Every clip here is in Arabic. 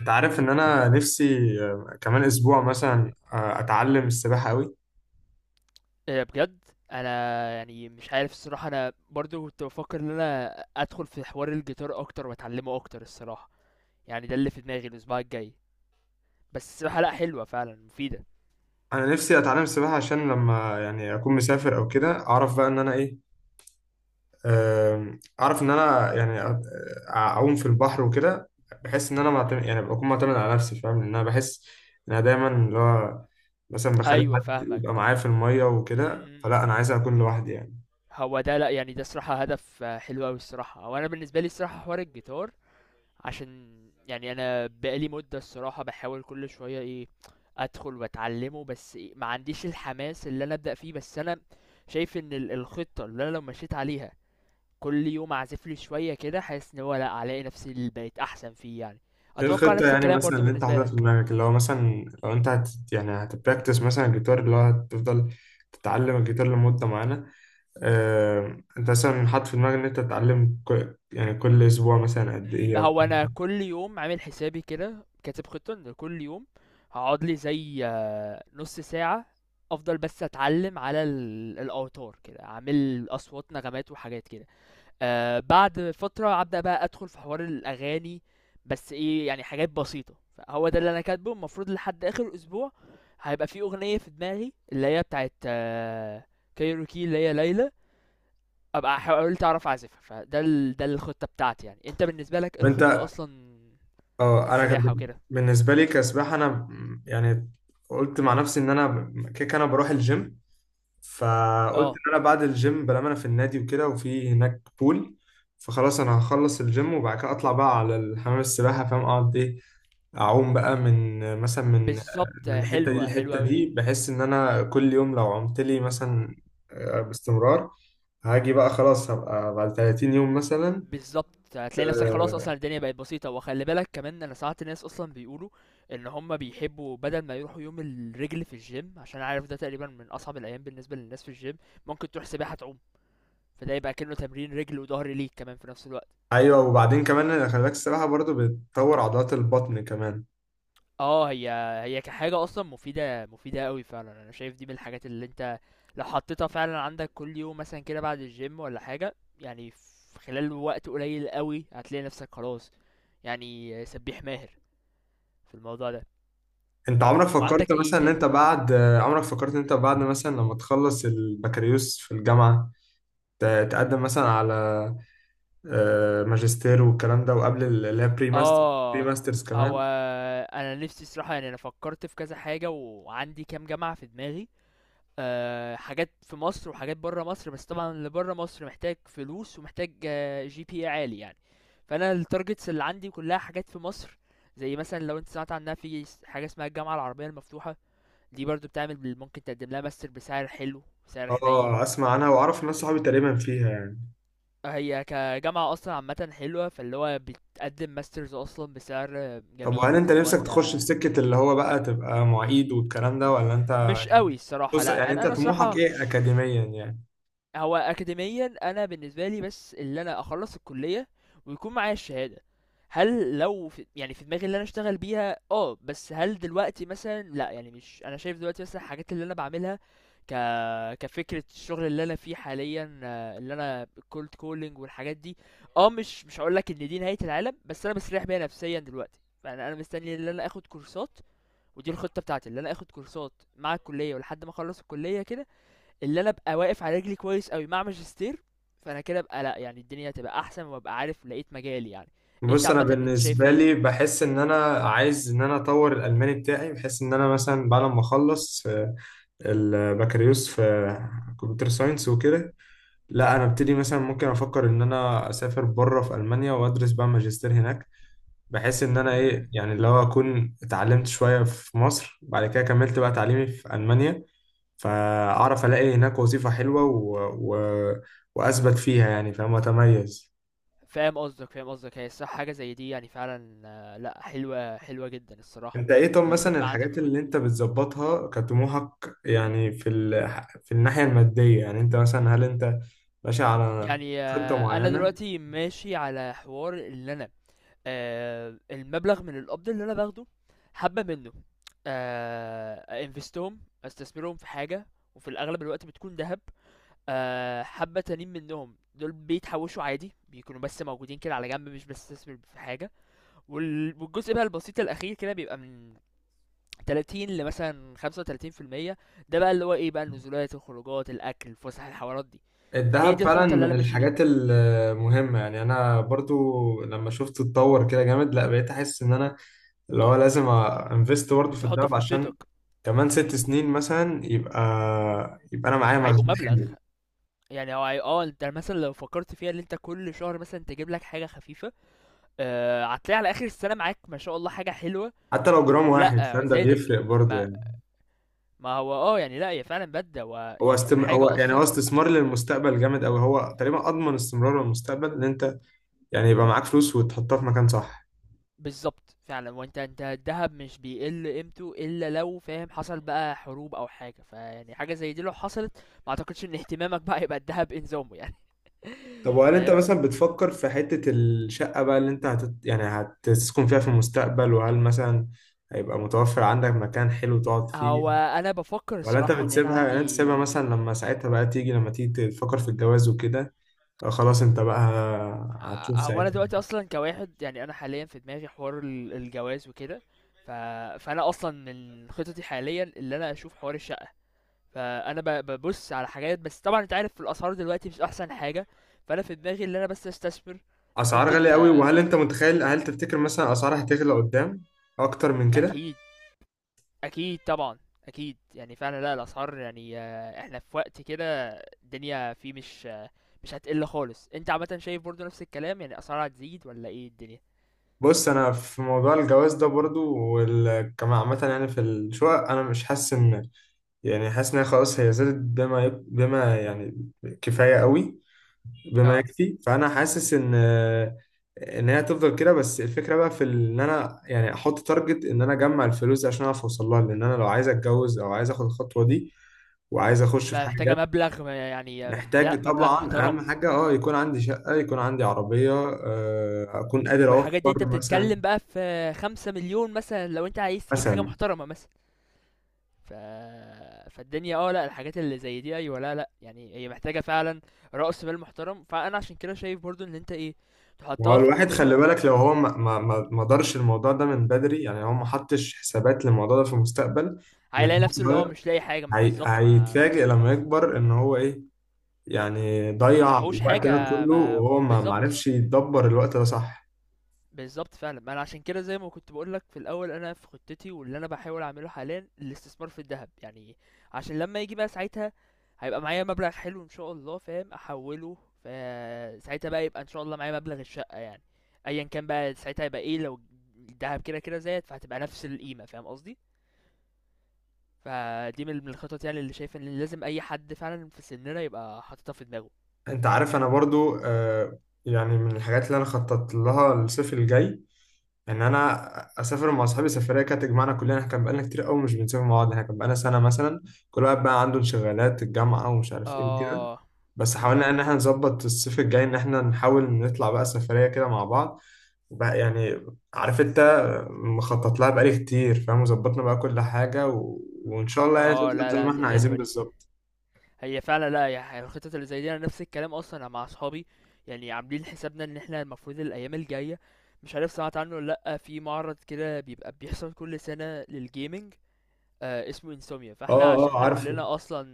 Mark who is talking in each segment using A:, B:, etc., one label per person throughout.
A: انت عارف ان انا نفسي. كمان اسبوع مثلا، اتعلم السباحه قوي.
B: إيه بجد. انا يعني مش عارف الصراحه، انا برضو كنت بفكر ان انا ادخل في حوار الجيتار اكتر واتعلمه اكتر الصراحه. يعني ده اللي في دماغي الاسبوع الجاي. بس الصراحه، لا حلوه فعلا، مفيده.
A: انا نفسي اتعلم السباحه عشان لما يعني اكون مسافر او كده اعرف بقى ان انا ايه. اعرف ان انا يعني اعوم في البحر وكده. بحس ان انا معتمد،
B: مم.
A: يعني بكون معتمد على نفسي، فاهم، لان انا بحس ان انا دايما اللي هو مثلا بخلي
B: ايوه،
A: حد يبقى
B: فاهمك.
A: معايا في الميه
B: مم،
A: وكده،
B: مم، مم.
A: فلا انا عايز اكون لوحدي يعني.
B: هو ده لا يعني ده صراحه هدف حلو قوي الصراحه، وانا بالنسبه لي الصراحه حوار الجيتار عشان يعني انا بقالي مده الصراحه بحاول كل شويه ايه ادخل واتعلمه، بس إيه، ما عنديش الحماس اللي انا ابدا فيه. بس انا شايف ان الخطه اللي انا لو مشيت عليها كل يوم اعزف لي شويه كده، حاسس ان هو لا هلاقي نفسي اللي بقيت احسن فيه يعني.
A: ايه
B: اتوقع
A: الخطة
B: نفس
A: يعني
B: الكلام
A: مثلا
B: برضو
A: اللي انت
B: بالنسبه
A: حاططها في
B: لك.
A: دماغك، اللي هو مثلا لو انت يعني هتبراكتس مثلا الجيتار، اللي هو هتفضل تتعلم الجيتار لمدة معينة؟ اه انت مثلا حاطط في دماغك ان انت تتعلم كل يعني كل اسبوع مثلا قد ايه؟ او طب
B: هو انا كل يوم عامل حسابي كده، كاتب خطه ان كل يوم هقعد لي زي نص ساعه افضل بس اتعلم على الاوتار كده، اعمل اصوات نغمات وحاجات كده. آه، بعد فترة أبدأ بقى أدخل في حوار الأغاني، بس إيه، يعني حاجات بسيطة. فهو ده اللي أنا كاتبه المفروض لحد آخر أسبوع هيبقى في أغنية في دماغي اللي هي بتاعت آه كايروكي، اللي هي ليلى، أبقى حاولت أعرف أعزفها. ده الخطة بتاعتي. يعني أنت بالنسبة لك إيه الخطة
A: انت،
B: أصلا، في
A: اه، انا كان
B: السباحة وكده؟
A: بالنسبة لي كسباحة انا يعني قلت مع نفسي ان انا كيك انا بروح الجيم، فقلت
B: اه،
A: ان انا بعد الجيم بلام انا في النادي وكده وفي هناك بول، فخلاص انا هخلص الجيم وبعد كده اطلع بقى على الحمام السباحة فاهم، اقعد ايه، اعوم بقى من مثلا من
B: بالظبط،
A: من الحته دي
B: حلوة حلوة
A: للحته
B: أوي.
A: دي. بحس ان انا كل يوم لو عمت لي مثلا باستمرار، هاجي بقى خلاص، هبقى بعد 30 يوم مثلا.
B: بالضبط هتلاقي نفسك خلاص،
A: آه،
B: اصلا الدنيا بقت بسيطه. وخلي بالك كمان، انا ساعات ناس اصلا بيقولوا ان هم بيحبوا بدل ما يروحوا يوم الرجل في الجيم، عشان عارف ده تقريبا من اصعب الايام بالنسبه للناس في الجيم، ممكن تروح سباحه تعوم. فده يبقى كأنه تمرين رجل وظهر ليك كمان في نفس الوقت.
A: ايوه، وبعدين كمان أنا خلي بالك السباحه برضو بتطور عضلات البطن كمان.
B: اه، هي هي كحاجه اصلا مفيده، مفيده قوي فعلا. انا شايف دي من الحاجات اللي انت لو حطيتها فعلا عندك كل يوم مثلا كده بعد الجيم ولا حاجه، يعني في خلال وقت قليل قوي هتلاقي نفسك خلاص، يعني سبيح ماهر في الموضوع ده.
A: انت عمرك فكرت
B: وعندك ايه
A: مثلا ان
B: تاني؟
A: انت بعد عمرك فكرت ان انت بعد مثلا لما تخلص البكالوريوس في الجامعه، ت- تقدم مثلا على ماجستير والكلام ده، وقبل اللي هي بري
B: اه،
A: ماسترز
B: هو
A: كمان؟
B: انا نفسي الصراحه، يعني انا فكرت في كذا حاجه، وعندي كام جامعه في دماغي. أه، حاجات في مصر وحاجات بره مصر، بس طبعا اللي بره مصر محتاج فلوس ومحتاج جي بي عالي يعني. فانا التارجتس اللي عندي كلها حاجات في مصر. زي مثلا لو انت سمعت عنها، في حاجه اسمها الجامعه العربيه المفتوحه. دي برضو بتعمل، ممكن تقدم لها ماستر بسعر حلو، سعر حنين.
A: اه، اسمع عنها واعرف ناس صحابي تقريبا فيها يعني.
B: هي كجامعة أصلا عامة حلوة، فاللي هو بتقدم ماسترز أصلا بسعر
A: طب وهل
B: جميل،
A: انت
B: فاللي هو
A: نفسك تخش في
B: أنت
A: سكة اللي هو بقى تبقى معيد والكلام ده، ولا انت؟
B: مش قوي الصراحة.
A: بص
B: لأ،
A: يعني
B: أنا
A: انت
B: أنا الصراحة
A: طموحك ايه
B: مش.
A: اكاديميا يعني؟
B: هو أكاديميًا أنا بالنسبة لي بس اللي أنا أخلّص الكلية ويكون معايا الشهادة، هل لو في يعني في دماغي اللي أنا أشتغل بيها بس هل دلوقتي مثلًا؟ لأ، يعني مش أنا شايف دلوقتي مثلًا الحاجات اللي أنا باعملها ك كفكرة، الشغل اللي أنا فيه حاليًا اللي أنا الcold calling والحاجات دي، آه، مش هاقول لك إن دي نهاية العالم، بس أنا مستريح بيها نفسيًا دلوقتي. فأنا أنا مستني اللي أنا آخد كورسات. ودي الخطة بتاعتي، اللي أنا آخد كورسات مع الكلية ولحد ما أخلّص الكلية كده، اللي انا ابقى واقف على رجلي كويس قوي مع ماجستير. فانا كده ابقى لا يعني الدنيا هتبقى احسن، وابقى عارف لقيت مجالي يعني. انت
A: بص انا
B: عامه انت شايف
A: بالنسبة
B: ايه؟
A: لي بحس ان انا عايز ان انا اطور الالماني بتاعي، بحس ان انا مثلا بعد ما اخلص البكالوريوس في كمبيوتر ساينس وكده، لا انا ابتدي مثلا، ممكن افكر ان انا اسافر بره في المانيا وادرس بقى ماجستير هناك، بحيث ان انا ايه
B: امم.
A: يعني، اللي هو اكون اتعلمت شويه في مصر، بعد كده كملت بقى تعليمي في المانيا، فاعرف الاقي هناك وظيفه حلوه و... واثبت فيها يعني، فاهم، اتميز.
B: فاهم قصدك. هي الصح حاجه زي دي يعني فعلا لا حلوه، حلوه جدا الصراحه،
A: انت ايه طب
B: اللي انت
A: مثلا
B: يبقى عندك
A: الحاجات اللي
B: الخطه
A: انت
B: دي.
A: بتظبطها كطموحك يعني في في الناحيه الماديه يعني، انت مثلا هل انت ماشي على
B: يعني
A: خطه
B: انا
A: معينه؟
B: دلوقتي ماشي على حوار، اللي انا المبلغ من القبض اللي انا باخده، حبه منه آه، انفستهم، استثمرهم في حاجه، وفي الاغلب الوقت بتكون ذهب. آه، حبة تانيين منهم دول بيتحوشوا عادي، بيكونوا بس موجودين كده على جنب، مش بستثمر في حاجة. والجزء بقى البسيط الأخير كده بيبقى من 30 لمثلا 35%. ده بقى اللي هو ايه بقى، النزولات، الخروجات، الأكل، الفسح، الحوارات دي. فهي
A: الذهب
B: دي
A: فعلا
B: الخطة اللي
A: من
B: أنا ماشي بيها.
A: الحاجات المهمه يعني، انا برضو لما شفته اتطور كده جامد، لا بقيت احس ان انا اللي هو لازم انفست برضه في
B: تحط
A: الدهب،
B: في
A: عشان
B: خطتك.
A: كمان ست
B: امم،
A: سنين مثلا يبقى انا معايا
B: هيبقوا
A: مخزون
B: مبلغ.
A: حلو.
B: يعني هو اه، انت مثلا لو فكرت فيها ان انت كل شهر مثلا تجيب لك حاجة خفيفة، آه، هتلاقي على آخر السنة معاك ما شاء الله حاجة حلوة.
A: حتى لو جرام
B: ولا
A: واحد فاهم، ده
B: زادت.
A: بيفرق برضه
B: ما
A: يعني.
B: ما هو آه، يعني لأ، هي فعلًا بدلة، هو يعني
A: هو
B: كحاجة
A: يعني هو
B: أصلًا.
A: استثمار للمستقبل جامد قوي، هو تقريبا اضمن استمرار للمستقبل، ان انت يعني يبقى معاك فلوس وتحطها في مكان صح.
B: بالضبط فعلًا، هو أنت الدهب مش بيقل قيمته، إلا لو فاهم حصل بقى حروب أو حاجة، فيعني حاجة زي دي لو حصلت، ما أعتقدش إن اهتمامك بقى هيبقى الدهب إنظامه يعني.
A: طب وهل انت
B: فاهم؟
A: مثلا بتفكر في حتة الشقة بقى اللي انت يعني هتسكن فيها في المستقبل، وهل مثلا هيبقى متوفر عندك مكان حلو تقعد فيه؟
B: هو أنا بافكر
A: ولا انت
B: الصراحة، يعني أنا
A: بتسيبها يعني، انت سيبها
B: عندي
A: مثلا لما ساعتها بقى تيجي، لما تيجي تفكر في الجواز وكده، خلاص انت بقى هتشوف
B: هو أنا
A: ساعتها.
B: دلوقتي أصلًا كواحد، يعني أنا حاليًا في دماغي حوار الجواز وكده، ف فأنا أصلًا من خططي حاليًا اللي أنا أشوف حوار الشقة. فانا ببص على حاجات، بس طبعا انت عارف الاسعار دلوقتي مش احسن حاجه. فانا في دماغي ان انا بس استثمر
A: اسعار
B: لمده
A: غالية قوي. وهل انت متخيل، هل تفتكر مثلا اسعار هتغلى قدام اكتر من كده؟
B: اكيد، اكيد طبعا، اكيد. يعني فعلا لا، الاسعار يعني احنا في وقت كده الدنيا فيه مش مش هتقل خالص. انت عامه شايف برضو نفس الكلام؟ يعني الاسعار هتزيد ولا ايه الدنيا؟
A: بص انا في موضوع الجواز ده برضو، كمان عامة يعني في الشقق انا مش حاسس ان، يعني حاسس ان هي خلاص هي زادت بما بما يعني كفاية قوي، بما
B: اه،
A: يكفي، فانا حاسس ان هي هتفضل كده. بس الفكره بقى في ان انا يعني احط تارجت ان انا اجمع الفلوس دي عشان اعرف اوصل لها، لان انا لو عايز اتجوز او عايز اخد الخطوه دي وعايز اخش في
B: ما
A: حاجه
B: محتاجه
A: جد،
B: مبلغ ما- يعني لا،
A: محتاج
B: مبلغ
A: طبعا، اهم
B: محترم.
A: حاجه، يكون عندي شقه، يكون عندي عربيه، اكون قادر
B: والحاجات دي انت
A: اوفر مثلا،
B: بتتكلم بقى في خمسة مليون مثلا، لو انت عايز تجيب حاجه
A: مثلا.
B: محترمه مثلا. ف... فالدنيا اه لا، الحاجات اللي زي دي ايوه، لا يعني، هي محتاجه فعلا رأس مال محترم. فانا عشان كده شايف برضو ان انت ايه،
A: هو
B: تحطها في
A: الواحد خلي
B: خطتك.
A: بالك لو هو ما دارش الموضوع ده من بدري، يعني هو ما حطش حسابات للموضوع ده في المستقبل من
B: هيلاقي
A: هو
B: نفسه اللي هو
A: صغير،
B: مش لاقي حاجه بالظبط، ما
A: هيتفاجئ لما يكبر ان هو ايه، يعني ضيع
B: معهوش
A: الوقت ده
B: حاجه.
A: كله
B: ما
A: وهو ما
B: بالظبط،
A: معرفش يدبر الوقت ده صح.
B: بالظبط فعلا. ما انا عشان كده زي ما كنت بقولك في الاول، انا في خطتي واللي انا بحاول اعمله حاليا الاستثمار في الذهب، يعني عشان لما يجي بقى ساعتها، هيبقى معايا مبلغ حلو ان شاء الله، فاهم، احوله. فساعتها بقى يبقى ان شاء الله معايا مبلغ الشقة يعني، ايا كان بقى ساعتها. هيبقى ايه لو الذهب كده كده زاد، فهتبقى نفس القيمة، فاهم قصدي. فدي من الخطط، يعني اللي شايف ان لازم اي حد فعلا في سننا يبقى حاططها في دماغه.
A: انت عارف انا برضو يعني من الحاجات اللي انا خططت لها الصيف الجاي ان انا اسافر مع اصحابي سفريه كانت تجمعنا كلنا، احنا كان بقالنا كتير قوي مش بنسافر مع بعض، احنا كان بقالنا سنه مثلا، كل واحد بقى عنده انشغالات الجامعه ومش عارف ايه وكده.
B: اه،
A: بس
B: م- م.
A: حاولنا ان احنا نظبط الصيف الجاي ان احنا نحاول نطلع بقى سفريه كده مع بعض، بقى يعني عارف انت، مخطط لها بقالي كتير فاهم، وظبطنا بقى كل حاجة وان شاء الله يعني تطلع
B: اه لا
A: زي
B: لا،
A: ما
B: دي
A: احنا
B: حلوة
A: عايزين
B: دي.
A: بالظبط.
B: هي فعلا، لا، هي الخطط اللي زي دي انا نفس الكلام اصلا مع اصحابي. يعني عاملين حسابنا ان احنا المفروض الايام الجايه، مش عارف سمعت عنه ولا لا، في معرض كده بيبقى بيحصل كل سنه للجيمنج، آه اسمه انسوميا.
A: اه
B: فاحنا عشان
A: اه
B: احنا
A: عارفه،
B: كلنا اصلا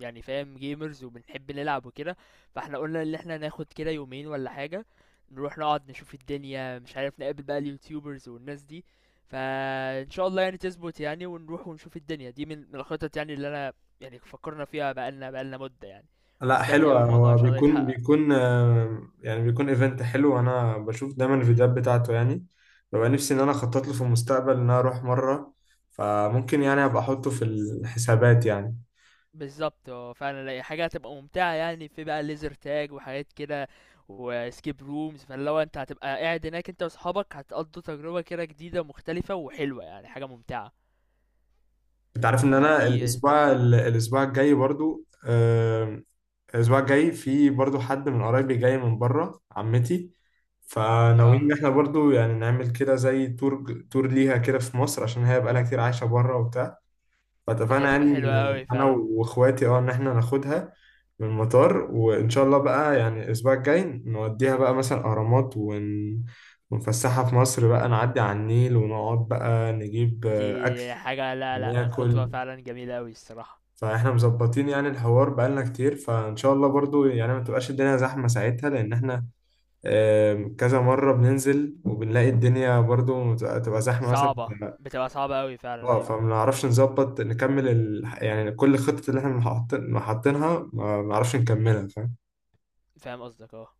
B: يعني فاهم جيمرز وبنحب نلعب وكده، فاحنا قلنا ان احنا ناخد كده يومين ولا حاجة، نروح نقعد نشوف الدنيا، مش عارف نقابل بقى اليوتيوبرز والناس دي. فان شاء الله يعني تظبط يعني، ونروح ونشوف الدنيا. دي من الخطط يعني اللي انا يعني فكرنا فيها بقالنا مدة يعني،
A: لا
B: ومستني اوي
A: حلوة،
B: الموضوع ان
A: هو
B: شاء الله
A: بيكون
B: يتحقق.
A: بيكون يعني بيكون ايفنت حلو، وانا بشوف دايما الفيديوهات بتاعته يعني. ببقى نفسي ان انا اخطط له في المستقبل ان انا اروح مرة، فممكن يعني ابقى احطه في الحسابات يعني.
B: بالضبط فعلًا، لا هي حاجة هتبقى ممتعة، يعني في بقى laser tag وحاجات كده وescape rooms، فاللي هو أنت هتبقى قاعد هناك أنت وأصحابك، هتقضّوا تجربة كده جديدة ومختلفة وحلوة، يعني حاجة ممتعة.
A: انت عارف ان انا
B: فدي تحفة.
A: الاسبوع الجاي في برضو حد من قرايبي جاي من بره، عمتي،
B: آه،
A: فناويين ان احنا برضو يعني نعمل كده زي تور ليها كده في مصر، عشان هي بقالها كتير عايشه بره وبتاع.
B: دي
A: فاتفقنا يعني
B: هتبقى حلوة
A: ان
B: أوي
A: انا
B: فعلًا.
A: واخواتي، ان احنا ناخدها من المطار، وان شاء الله بقى يعني الاسبوع الجاي نوديها بقى مثلا اهرامات ونفسحها في مصر بقى، نعدي على النيل، ونقعد بقى نجيب اكل
B: دي حاجة لا، لأ،
A: ناكل.
B: خطوة فعلًا جميلة أوي الصراحة.
A: فاحنا مظبطين يعني الحوار بقالنا كتير، فان شاء الله برضو يعني ما تبقاش الدنيا زحمه ساعتها، لان احنا كذا مره بننزل وبنلاقي الدنيا برضو تبقى زحمه مثلا.
B: صعبة، بتبقى صعبة أوي فعلًا
A: اه
B: أيوه.
A: فما نعرفش نظبط نكمل يعني كل الخطط اللي احنا حاطينها، ما نعرفش نكملها فاهم.
B: فاهم قصدك آه.